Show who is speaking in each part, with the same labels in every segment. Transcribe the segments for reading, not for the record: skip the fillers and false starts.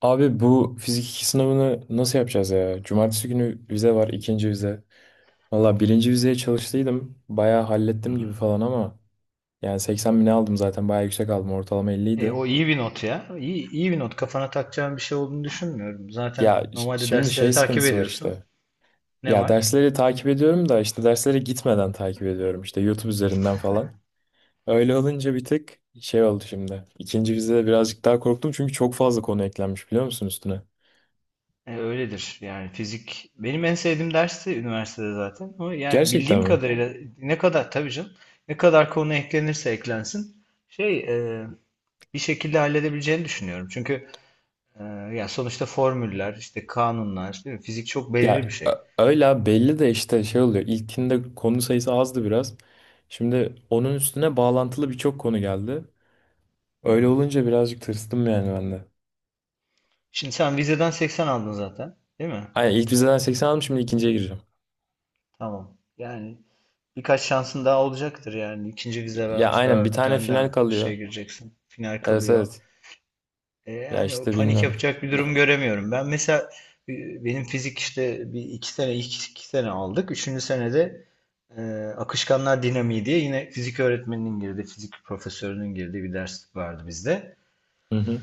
Speaker 1: Abi bu fizik 2 sınavını nasıl yapacağız ya? Cumartesi günü vize var, ikinci vize. Valla birinci vizeye çalıştıydım. Bayağı
Speaker 2: Hı
Speaker 1: hallettim gibi
Speaker 2: hı.
Speaker 1: falan ama yani 80 bine aldım zaten bayağı yüksek aldım. Ortalama 50
Speaker 2: E,
Speaker 1: idi.
Speaker 2: o iyi bir not ya. İyi bir not. Kafana takacağın bir şey olduğunu düşünmüyorum. Zaten normalde
Speaker 1: Şimdi şey
Speaker 2: dersleri takip
Speaker 1: sıkıntısı var
Speaker 2: ediyorsun.
Speaker 1: işte.
Speaker 2: Ne
Speaker 1: Ya
Speaker 2: var?
Speaker 1: dersleri takip ediyorum da işte derslere gitmeden takip ediyorum. İşte YouTube üzerinden falan. Öyle olunca bir tık şey oldu şimdi. İkinci vizede birazcık daha korktum çünkü çok fazla konu eklenmiş biliyor musun üstüne?
Speaker 2: E, öyledir. Yani fizik benim en sevdiğim dersi üniversitede zaten. Ama yani
Speaker 1: Gerçekten
Speaker 2: bildiğim
Speaker 1: mi?
Speaker 2: kadarıyla ne kadar tabii canım ne kadar konu eklenirse eklensin e, bir şekilde halledebileceğini düşünüyorum. Çünkü e, ya sonuçta formüller, işte kanunlar, değil mi? Fizik çok belirli bir şey.
Speaker 1: Öyle belli de işte şey oluyor. İlkinde konu sayısı azdı biraz. Şimdi onun üstüne bağlantılı birçok konu geldi. Öyle
Speaker 2: Hmm.
Speaker 1: olunca birazcık tırstım yani ben de.
Speaker 2: Şimdi sen vizeden 80 aldın zaten, değil mi?
Speaker 1: Aynen ilk vizeden 80 aldım, şimdi ikinciye gireceğim.
Speaker 2: Tamam. Yani birkaç şansın daha olacaktır yani. İkinci vize
Speaker 1: Ya
Speaker 2: var.
Speaker 1: aynen bir
Speaker 2: Daha bir
Speaker 1: tane
Speaker 2: tane
Speaker 1: final
Speaker 2: daha şeye
Speaker 1: kalıyor.
Speaker 2: gireceksin. Final
Speaker 1: Evet,
Speaker 2: kalıyor.
Speaker 1: evet.
Speaker 2: E,
Speaker 1: Ya
Speaker 2: yani o
Speaker 1: işte
Speaker 2: panik
Speaker 1: bilmiyorum.
Speaker 2: yapacak bir durum göremiyorum. Ben mesela benim fizik işte bir iki sene ilk iki sene aldık. Üçüncü senede e, akışkanlar dinamiği diye yine fizik öğretmeninin girdiği, fizik profesörünün girdiği bir ders vardı bizde.
Speaker 1: Hı hı.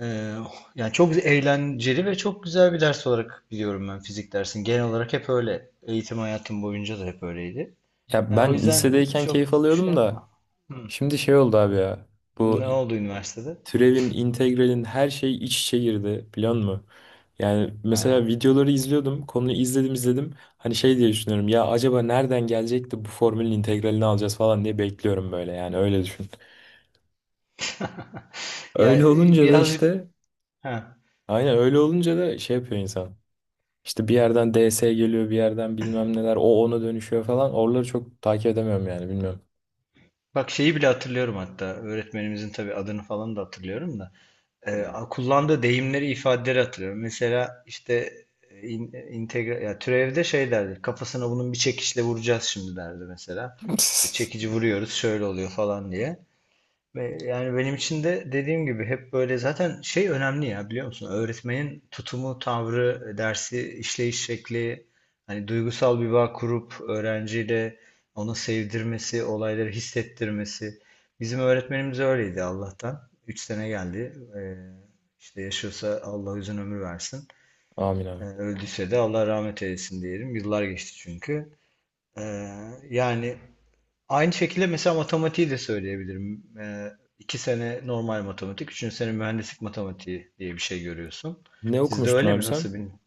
Speaker 2: E, yani çok eğlenceli ve çok güzel bir ders olarak biliyorum ben fizik dersini. Genel olarak hep öyle. Eğitim hayatım boyunca da hep öyleydi.
Speaker 1: Ya
Speaker 2: Ya o
Speaker 1: ben
Speaker 2: yüzden
Speaker 1: lisedeyken
Speaker 2: çok
Speaker 1: keyif
Speaker 2: şey
Speaker 1: alıyordum da
Speaker 2: yapma. Hı.
Speaker 1: şimdi şey oldu abi ya. Bu
Speaker 2: Ne oldu üniversitede?
Speaker 1: türevin, integralin her şey iç içe girdi biliyor musun? Yani mesela
Speaker 2: Ha.
Speaker 1: videoları izliyordum. Konuyu izledim, izledim. Hani şey diye düşünüyorum. Ya acaba nereden gelecek de bu formülün integralini alacağız falan diye bekliyorum böyle. Yani öyle düşün.
Speaker 2: Ya
Speaker 1: Öyle olunca da
Speaker 2: birazcık
Speaker 1: işte
Speaker 2: ha.
Speaker 1: aynen, öyle olunca da şey yapıyor insan. İşte bir yerden DS geliyor, bir yerden bilmem neler. O ona dönüşüyor falan. Oraları çok takip edemiyorum yani, bilmiyorum.
Speaker 2: Bak şeyi bile hatırlıyorum hatta. Öğretmenimizin tabii adını falan da hatırlıyorum da. Kullandığı deyimleri, ifadeleri hatırlıyorum. Mesela işte ya türevde şey derdi. Kafasına bunun bir çekişle vuracağız şimdi derdi mesela. İşte çekici vuruyoruz şöyle oluyor falan diye. Ve yani benim için de dediğim gibi hep böyle zaten şey önemli ya biliyor musun? Öğretmenin tutumu, tavrı, dersi işleyiş şekli, hani duygusal bir bağ kurup öğrenciyle onu sevdirmesi, olayları hissettirmesi. Bizim öğretmenimiz öyleydi Allah'tan. Üç sene geldi. İşte yaşıyorsa Allah uzun ömür versin.
Speaker 1: Amin
Speaker 2: Ee,
Speaker 1: abi.
Speaker 2: öldüyse de Allah rahmet eylesin diyelim. Yıllar geçti çünkü. Ee, yani aynı şekilde mesela matematiği de söyleyebilirim. İki sene normal matematik, üçüncü sene mühendislik matematiği diye bir şey görüyorsun.
Speaker 1: Ne
Speaker 2: Sizde
Speaker 1: okumuştun
Speaker 2: öyle
Speaker 1: abi
Speaker 2: mi? Nasıl
Speaker 1: sen?
Speaker 2: bilmiyorum.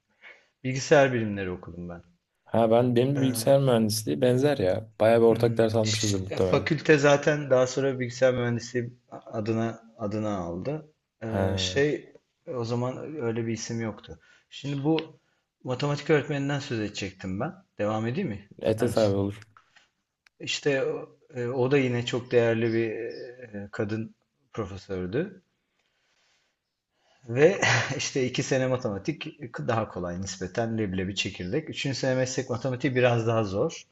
Speaker 2: Bilgisayar bilimleri okudum ben.
Speaker 1: Ha, benim de bilgisayar
Speaker 2: Ee,
Speaker 1: mühendisliği, benzer ya. Bayağı bir ortak
Speaker 2: hmm,
Speaker 1: ders almışızdır
Speaker 2: ş-
Speaker 1: muhtemelen.
Speaker 2: fakülte zaten daha sonra bilgisayar mühendisliği adına aldı. Ee,
Speaker 1: He.
Speaker 2: şey o zaman öyle bir isim yoktu. Şimdi bu matematik öğretmeninden söz edecektim ben. Devam edeyim mi?
Speaker 1: Evet,
Speaker 2: İster
Speaker 1: evet
Speaker 2: misin?
Speaker 1: abi, olur.
Speaker 2: İşte o da yine çok değerli bir kadın profesördü. Ve işte iki sene matematik daha kolay nispeten leblebi çekirdek. Üçüncü sene meslek matematiği biraz daha zor.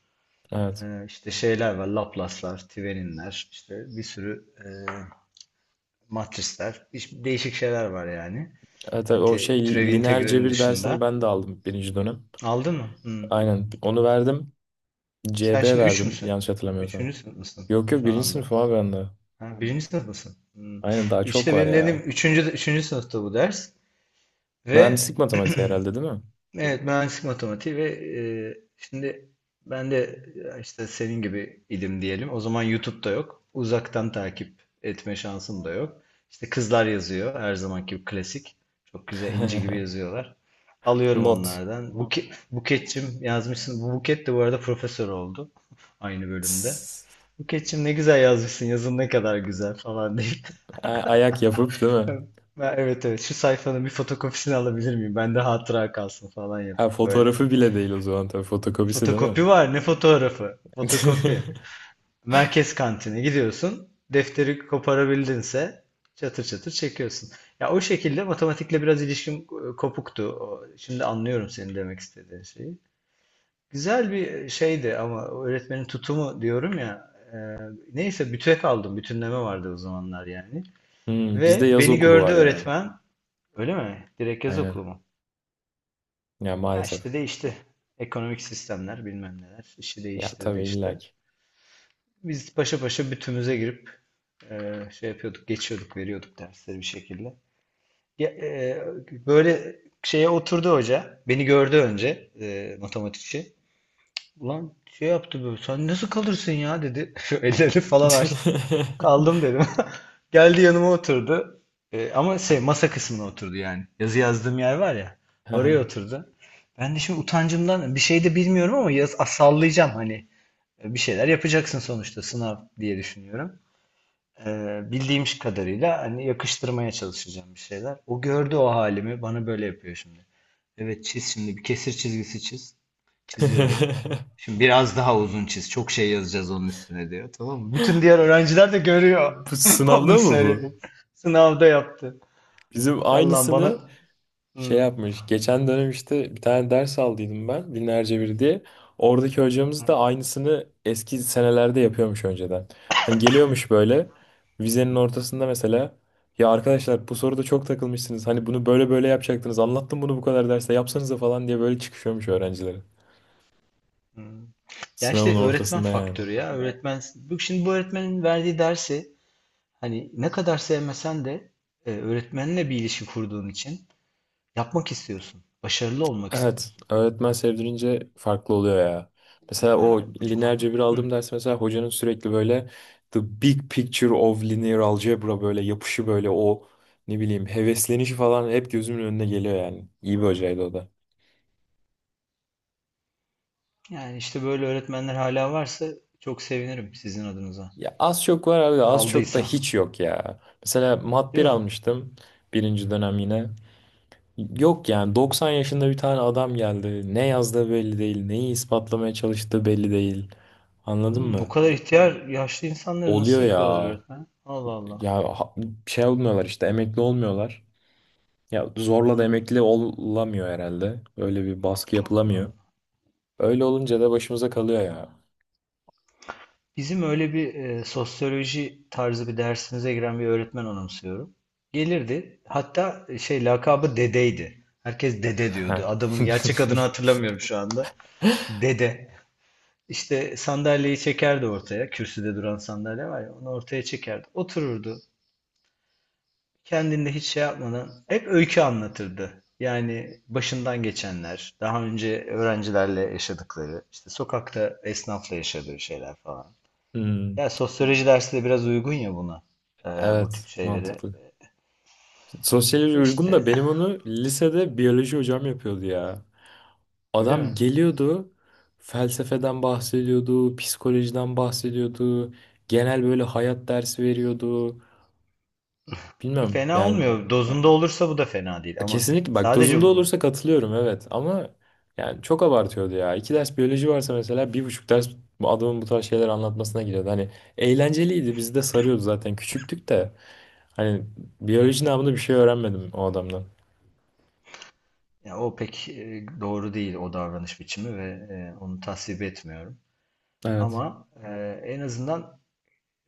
Speaker 1: Evet.
Speaker 2: İşte şeyler var, Laplace'lar, Thevenin'ler, işte bir sürü matrisler, değişik şeyler var yani.
Speaker 1: Evet abi,
Speaker 2: Yani
Speaker 1: o
Speaker 2: türev
Speaker 1: şey lineer
Speaker 2: integralin
Speaker 1: cebir dersini
Speaker 2: dışında.
Speaker 1: ben de aldım birinci dönem.
Speaker 2: Aldın mı? Hı.
Speaker 1: Aynen, onu verdim.
Speaker 2: Sen
Speaker 1: CB
Speaker 2: şimdi üç
Speaker 1: verdim
Speaker 2: müsün?
Speaker 1: yanlış hatırlamıyorsam.
Speaker 2: Üçüncü sınıf mısın
Speaker 1: Yok yok,
Speaker 2: şu
Speaker 1: birinci
Speaker 2: anda?
Speaker 1: sınıfım abi ben de.
Speaker 2: Ha, birinci sınıftasın. Hmm.
Speaker 1: Aynen, daha çok
Speaker 2: Üçte
Speaker 1: var
Speaker 2: benim, evet, dediğim
Speaker 1: ya.
Speaker 2: üçüncü sınıfta bu ders. Ve
Speaker 1: Mühendislik matematiği herhalde, değil mi?
Speaker 2: evet mühendislik matematiği ve şimdi ben de işte senin gibi idim diyelim. O zaman YouTube'da yok. Uzaktan takip etme şansım da yok. İşte kızlar yazıyor her zamanki gibi klasik. Çok güzel inci gibi yazıyorlar. Alıyorum
Speaker 1: Not.
Speaker 2: onlardan. Buketçim yazmışsın. Bu Buket de bu arada profesör oldu aynı bölümde.
Speaker 1: Tss.
Speaker 2: Buketçim ne güzel yazmışsın. Yazın ne kadar güzel falan deyip
Speaker 1: Ayak yapıp, değil mi?
Speaker 2: Ben- Evet evet, şu sayfanın bir fotokopisini alabilir miyim? Bende hatıra kalsın falan
Speaker 1: Ha,
Speaker 2: yapıp böyle.
Speaker 1: fotoğrafı bile değil o zaman, tabii fotokopisi, değil mi?
Speaker 2: Fotokopi var ne fotoğrafı? Fotokopi. Merkez kantine gidiyorsun. Defteri koparabildinse çatır çatır çekiyorsun. Ya o şekilde matematikle biraz ilişkim kopuktu. Şimdi anlıyorum senin demek istediğin şeyi. Güzel bir şeydi ama o öğretmenin tutumu diyorum ya. Neyse büte kaldım. Bütünleme vardı o zamanlar yani.
Speaker 1: Hmm, bizde
Speaker 2: Ve
Speaker 1: yaz
Speaker 2: beni
Speaker 1: okulu
Speaker 2: gördü
Speaker 1: var ya.
Speaker 2: öğretmen. Öyle mi? Direkt yaz
Speaker 1: Aynen.
Speaker 2: okulu mu?
Speaker 1: Ya
Speaker 2: Ya
Speaker 1: maalesef.
Speaker 2: işte değişti. Ekonomik sistemler bilmem neler işi
Speaker 1: Ya
Speaker 2: değiştirdi
Speaker 1: tabii, illa
Speaker 2: işte.
Speaker 1: ki.
Speaker 2: Biz paşa paşa bütümüze girip şey yapıyorduk, geçiyorduk, veriyorduk dersleri bir şekilde. Ya, böyle şeye oturdu hoca. Beni gördü önce matematikçi. Ulan şey yaptı böyle. Sen nasıl kalırsın ya dedi. Şu elleri falan açtı. Kaldım dedim. Geldi yanıma oturdu. Ama şey masa kısmına oturdu yani. Yazı yazdığım yer var ya. Oraya oturdu. Ben de şimdi utancımdan bir şey de bilmiyorum ama yaz, ah, sallayacağım hani. Bir şeyler yapacaksın sonuçta sınav diye düşünüyorum. E, bildiğim kadarıyla hani yakıştırmaya çalışacağım bir şeyler. O gördü o halimi. Bana böyle yapıyor şimdi. Evet çiz şimdi bir kesir çizgisi çiz. Çiziyorum. Şimdi biraz daha uzun çiz. Çok şey yazacağız onun üstüne diyor. Tamam mı? Bütün diğer öğrenciler de görüyor.
Speaker 1: Bu
Speaker 2: Onun
Speaker 1: sınavda mı bu?
Speaker 2: söylediğini. Sınavda yaptı.
Speaker 1: Bizim
Speaker 2: Ay Allah'ım bana...
Speaker 1: aynısını şey
Speaker 2: Hı,
Speaker 1: yapmış. Geçen dönem işte bir tane ders aldıydım ben. Binlerce bir diye. Oradaki hocamız
Speaker 2: hı,
Speaker 1: da aynısını eski senelerde yapıyormuş önceden. Hani geliyormuş böyle vizenin
Speaker 2: hı,
Speaker 1: ortasında mesela, ya arkadaşlar bu soruda çok takılmışsınız. Hani bunu böyle böyle yapacaktınız. Anlattım bunu, bu kadar derste yapsanıza falan diye böyle çıkışıyormuş öğrencilere.
Speaker 2: hı. Ya
Speaker 1: Sınavın
Speaker 2: işte öğretmen
Speaker 1: ortasında yani.
Speaker 2: faktörü ya. Öğretmen... Şimdi bu öğretmenin verdiği dersi hani ne kadar sevmesen de öğretmenle bir ilişki kurduğun için yapmak istiyorsun. Başarılı olmak
Speaker 1: Evet,
Speaker 2: istiyorsun.
Speaker 1: öğretmen sevdirince farklı oluyor ya. Mesela o
Speaker 2: Ya bu
Speaker 1: lineer
Speaker 2: çok...
Speaker 1: cebir
Speaker 2: Hı.
Speaker 1: aldığım ders, mesela hocanın sürekli böyle "the big picture of linear algebra" böyle yapışı, böyle o ne bileyim heveslenişi falan hep gözümün önüne geliyor yani. İyi bir hocaydı o da.
Speaker 2: Yani işte böyle öğretmenler hala varsa çok sevinirim sizin adınıza.
Speaker 1: Ya az çok var abi, az çok da
Speaker 2: Kaldıysa.
Speaker 1: hiç yok ya. Mesela mat
Speaker 2: Değil
Speaker 1: bir
Speaker 2: mi?
Speaker 1: almıştım birinci dönem yine. Yok yani 90 yaşında bir tane adam geldi. Ne yazdığı belli değil, neyi ispatlamaya çalıştığı belli değil. Anladın
Speaker 2: O
Speaker 1: mı?
Speaker 2: kadar ihtiyar yaşlı insanları
Speaker 1: Oluyor
Speaker 2: nasıl yapıyorlar
Speaker 1: ya.
Speaker 2: öğretmen? Allah Allah.
Speaker 1: Ya ha- Şey olmuyorlar işte, emekli olmuyorlar. Ya zorla da
Speaker 2: Hmm,
Speaker 1: emekli olamıyor herhalde. Öyle bir baskı
Speaker 2: Allah.
Speaker 1: yapılamıyor. Öyle olunca da başımıza kalıyor ya.
Speaker 2: Bizim öyle bir sosyoloji tarzı bir dersimize giren bir öğretmen anımsıyorum. Gelirdi. Hatta lakabı dedeydi. Herkes dede
Speaker 1: Heh.
Speaker 2: diyordu. Adamın gerçek adını hatırlamıyorum şu anda. Dede. İşte sandalyeyi çekerdi ortaya. Kürsüde duran sandalye var ya onu ortaya çekerdi. Otururdu. Kendinde hiç şey yapmadan hep öykü anlatırdı. Yani başından geçenler, daha önce öğrencilerle yaşadıkları, işte sokakta esnafla yaşadığı şeyler falan.
Speaker 1: Hmm,
Speaker 2: Ya sosyoloji dersi de biraz uygun ya buna, e, bu tip
Speaker 1: evet,
Speaker 2: şeylere.
Speaker 1: mantıklı. Sosyoloji uygun da,
Speaker 2: İşte
Speaker 1: benim onu lisede biyoloji hocam yapıyordu ya.
Speaker 2: öyle mi?
Speaker 1: Adam geliyordu, felsefeden bahsediyordu, psikolojiden bahsediyordu. Genel böyle hayat dersi veriyordu. Bilmem
Speaker 2: Fena
Speaker 1: yani.
Speaker 2: olmuyor. Dozunda olursa bu da fena değil ama
Speaker 1: Kesinlikle bak,
Speaker 2: sadece
Speaker 1: dozunda
Speaker 2: bunun,
Speaker 1: olursa katılıyorum, evet ama yani çok abartıyordu ya. İki ders biyoloji varsa mesela, bir buçuk ders bu adamın bu tarz şeyler anlatmasına giriyordu. Hani eğlenceliydi, bizi de sarıyordu zaten, küçüktük de, hani biyoloji namında bir şey öğrenmedim o adamdan.
Speaker 2: ya o pek doğru değil o davranış biçimi ve onu tasvip etmiyorum.
Speaker 1: Evet.
Speaker 2: Ama en azından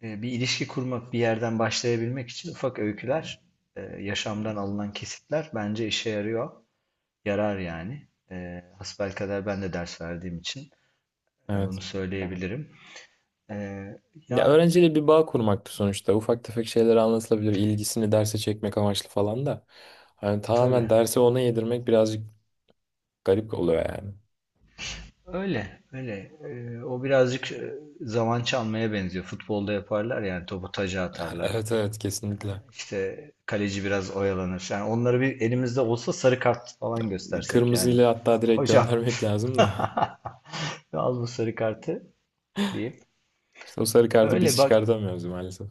Speaker 2: bir ilişki kurmak, bir yerden başlayabilmek için ufak öyküler, yaşamdan alınan kesitler bence işe yarıyor. Yarar yani. Hasbelkader ben de ders verdiğim için bunu
Speaker 1: Evet.
Speaker 2: söyleyebilirim. E,
Speaker 1: Ya
Speaker 2: ya
Speaker 1: öğrenciyle bir bağ kurmaktı sonuçta. Ufak tefek şeyler anlatılabilir, ilgisini derse çekmek amaçlı falan da. Hani
Speaker 2: tabii
Speaker 1: tamamen dersi ona yedirmek birazcık garip oluyor yani.
Speaker 2: öyle öyle. O birazcık zaman çalmaya benziyor. Futbolda yaparlar yani topu taca atarlar.
Speaker 1: Evet, evet, kesinlikle.
Speaker 2: İşte kaleci biraz oyalanır. Yani onları bir elimizde olsa sarı kart falan göstersek yani.
Speaker 1: Kırmızıyla hatta direkt
Speaker 2: Hocam
Speaker 1: göndermek lazım da.
Speaker 2: al bu sarı kartı, deyip
Speaker 1: İşte o sarı kartı
Speaker 2: öyle
Speaker 1: biz
Speaker 2: bak
Speaker 1: çıkartamıyoruz maalesef.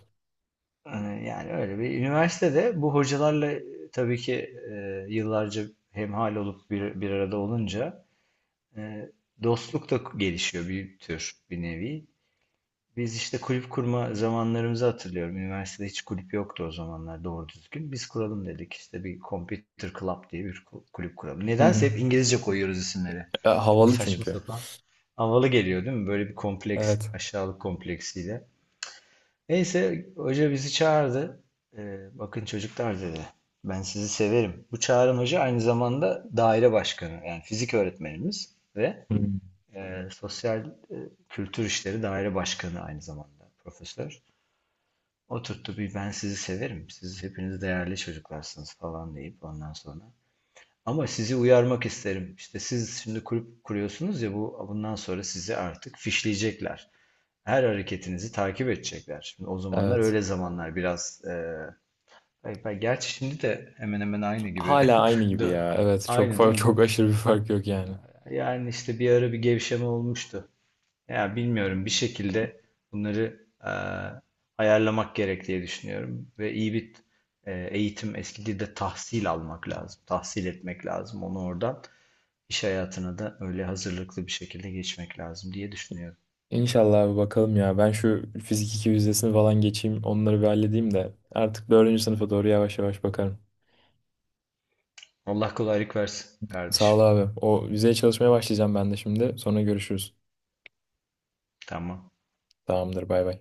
Speaker 2: e, yani öyle bir üniversitede bu hocalarla tabii ki yıllarca hemhal olup bir arada olunca e, dostluk da gelişiyor bir tür bir nevi. Biz işte kulüp kurma zamanlarımızı hatırlıyorum. Üniversitede hiç kulüp yoktu o zamanlar doğru düzgün. Biz kuralım dedik işte bir Computer Club diye bir kulüp kuralım.
Speaker 1: Hı hı.
Speaker 2: Nedense hep İngilizce koyuyoruz isimleri.
Speaker 1: E,
Speaker 2: Çok
Speaker 1: havalı
Speaker 2: saçma
Speaker 1: çünkü.
Speaker 2: sapan. Havalı geliyor değil mi? Böyle bir kompleks,
Speaker 1: Evet.
Speaker 2: aşağılık kompleksiyle. Neyse hoca bizi çağırdı. Bakın çocuklar dedi. Ben sizi severim. Bu Çağrı'nın hoca aynı zamanda daire başkanı. Yani fizik öğretmenimiz ve
Speaker 1: Hı.
Speaker 2: sosyal kültür işleri daire başkanı aynı zamanda profesör. Oturttu bir ben sizi severim. Siz hepiniz değerli çocuklarsınız falan deyip ondan sonra ama sizi uyarmak isterim. İşte siz şimdi kulüp kuruyorsunuz ya bu bundan sonra sizi artık fişleyecekler. Her hareketinizi takip edecekler. Şimdi o zamanlar
Speaker 1: Evet.
Speaker 2: öyle zamanlar biraz gerçi şimdi de hemen hemen aynı gibi.
Speaker 1: Hala aynı gibi
Speaker 2: Dö-
Speaker 1: ya. Evet. Çok
Speaker 2: Aynı değil
Speaker 1: fark,
Speaker 2: mi?
Speaker 1: çok aşırı bir fark yok yani.
Speaker 2: Yani işte bir ara bir gevşeme olmuştu. Ya bilmiyorum bir şekilde bunları ayarlamak gerek diye düşünüyorum ve iyi bir eğitim eski dilde tahsil almak lazım. Tahsil etmek lazım onu oradan. İş hayatına da öyle hazırlıklı bir şekilde geçmek lazım diye düşünüyorum.
Speaker 1: İnşallah abi, bakalım ya. Ben şu fizik 2 vizesini falan geçeyim. Onları bir halledeyim de. Artık dördüncü sınıfa doğru yavaş yavaş bakarım.
Speaker 2: Allah kolaylık versin
Speaker 1: Sağ
Speaker 2: kardeşim.
Speaker 1: ol abi. O vizeye çalışmaya başlayacağım ben de şimdi. Sonra görüşürüz.
Speaker 2: Tamam.
Speaker 1: Tamamdır, bay bay.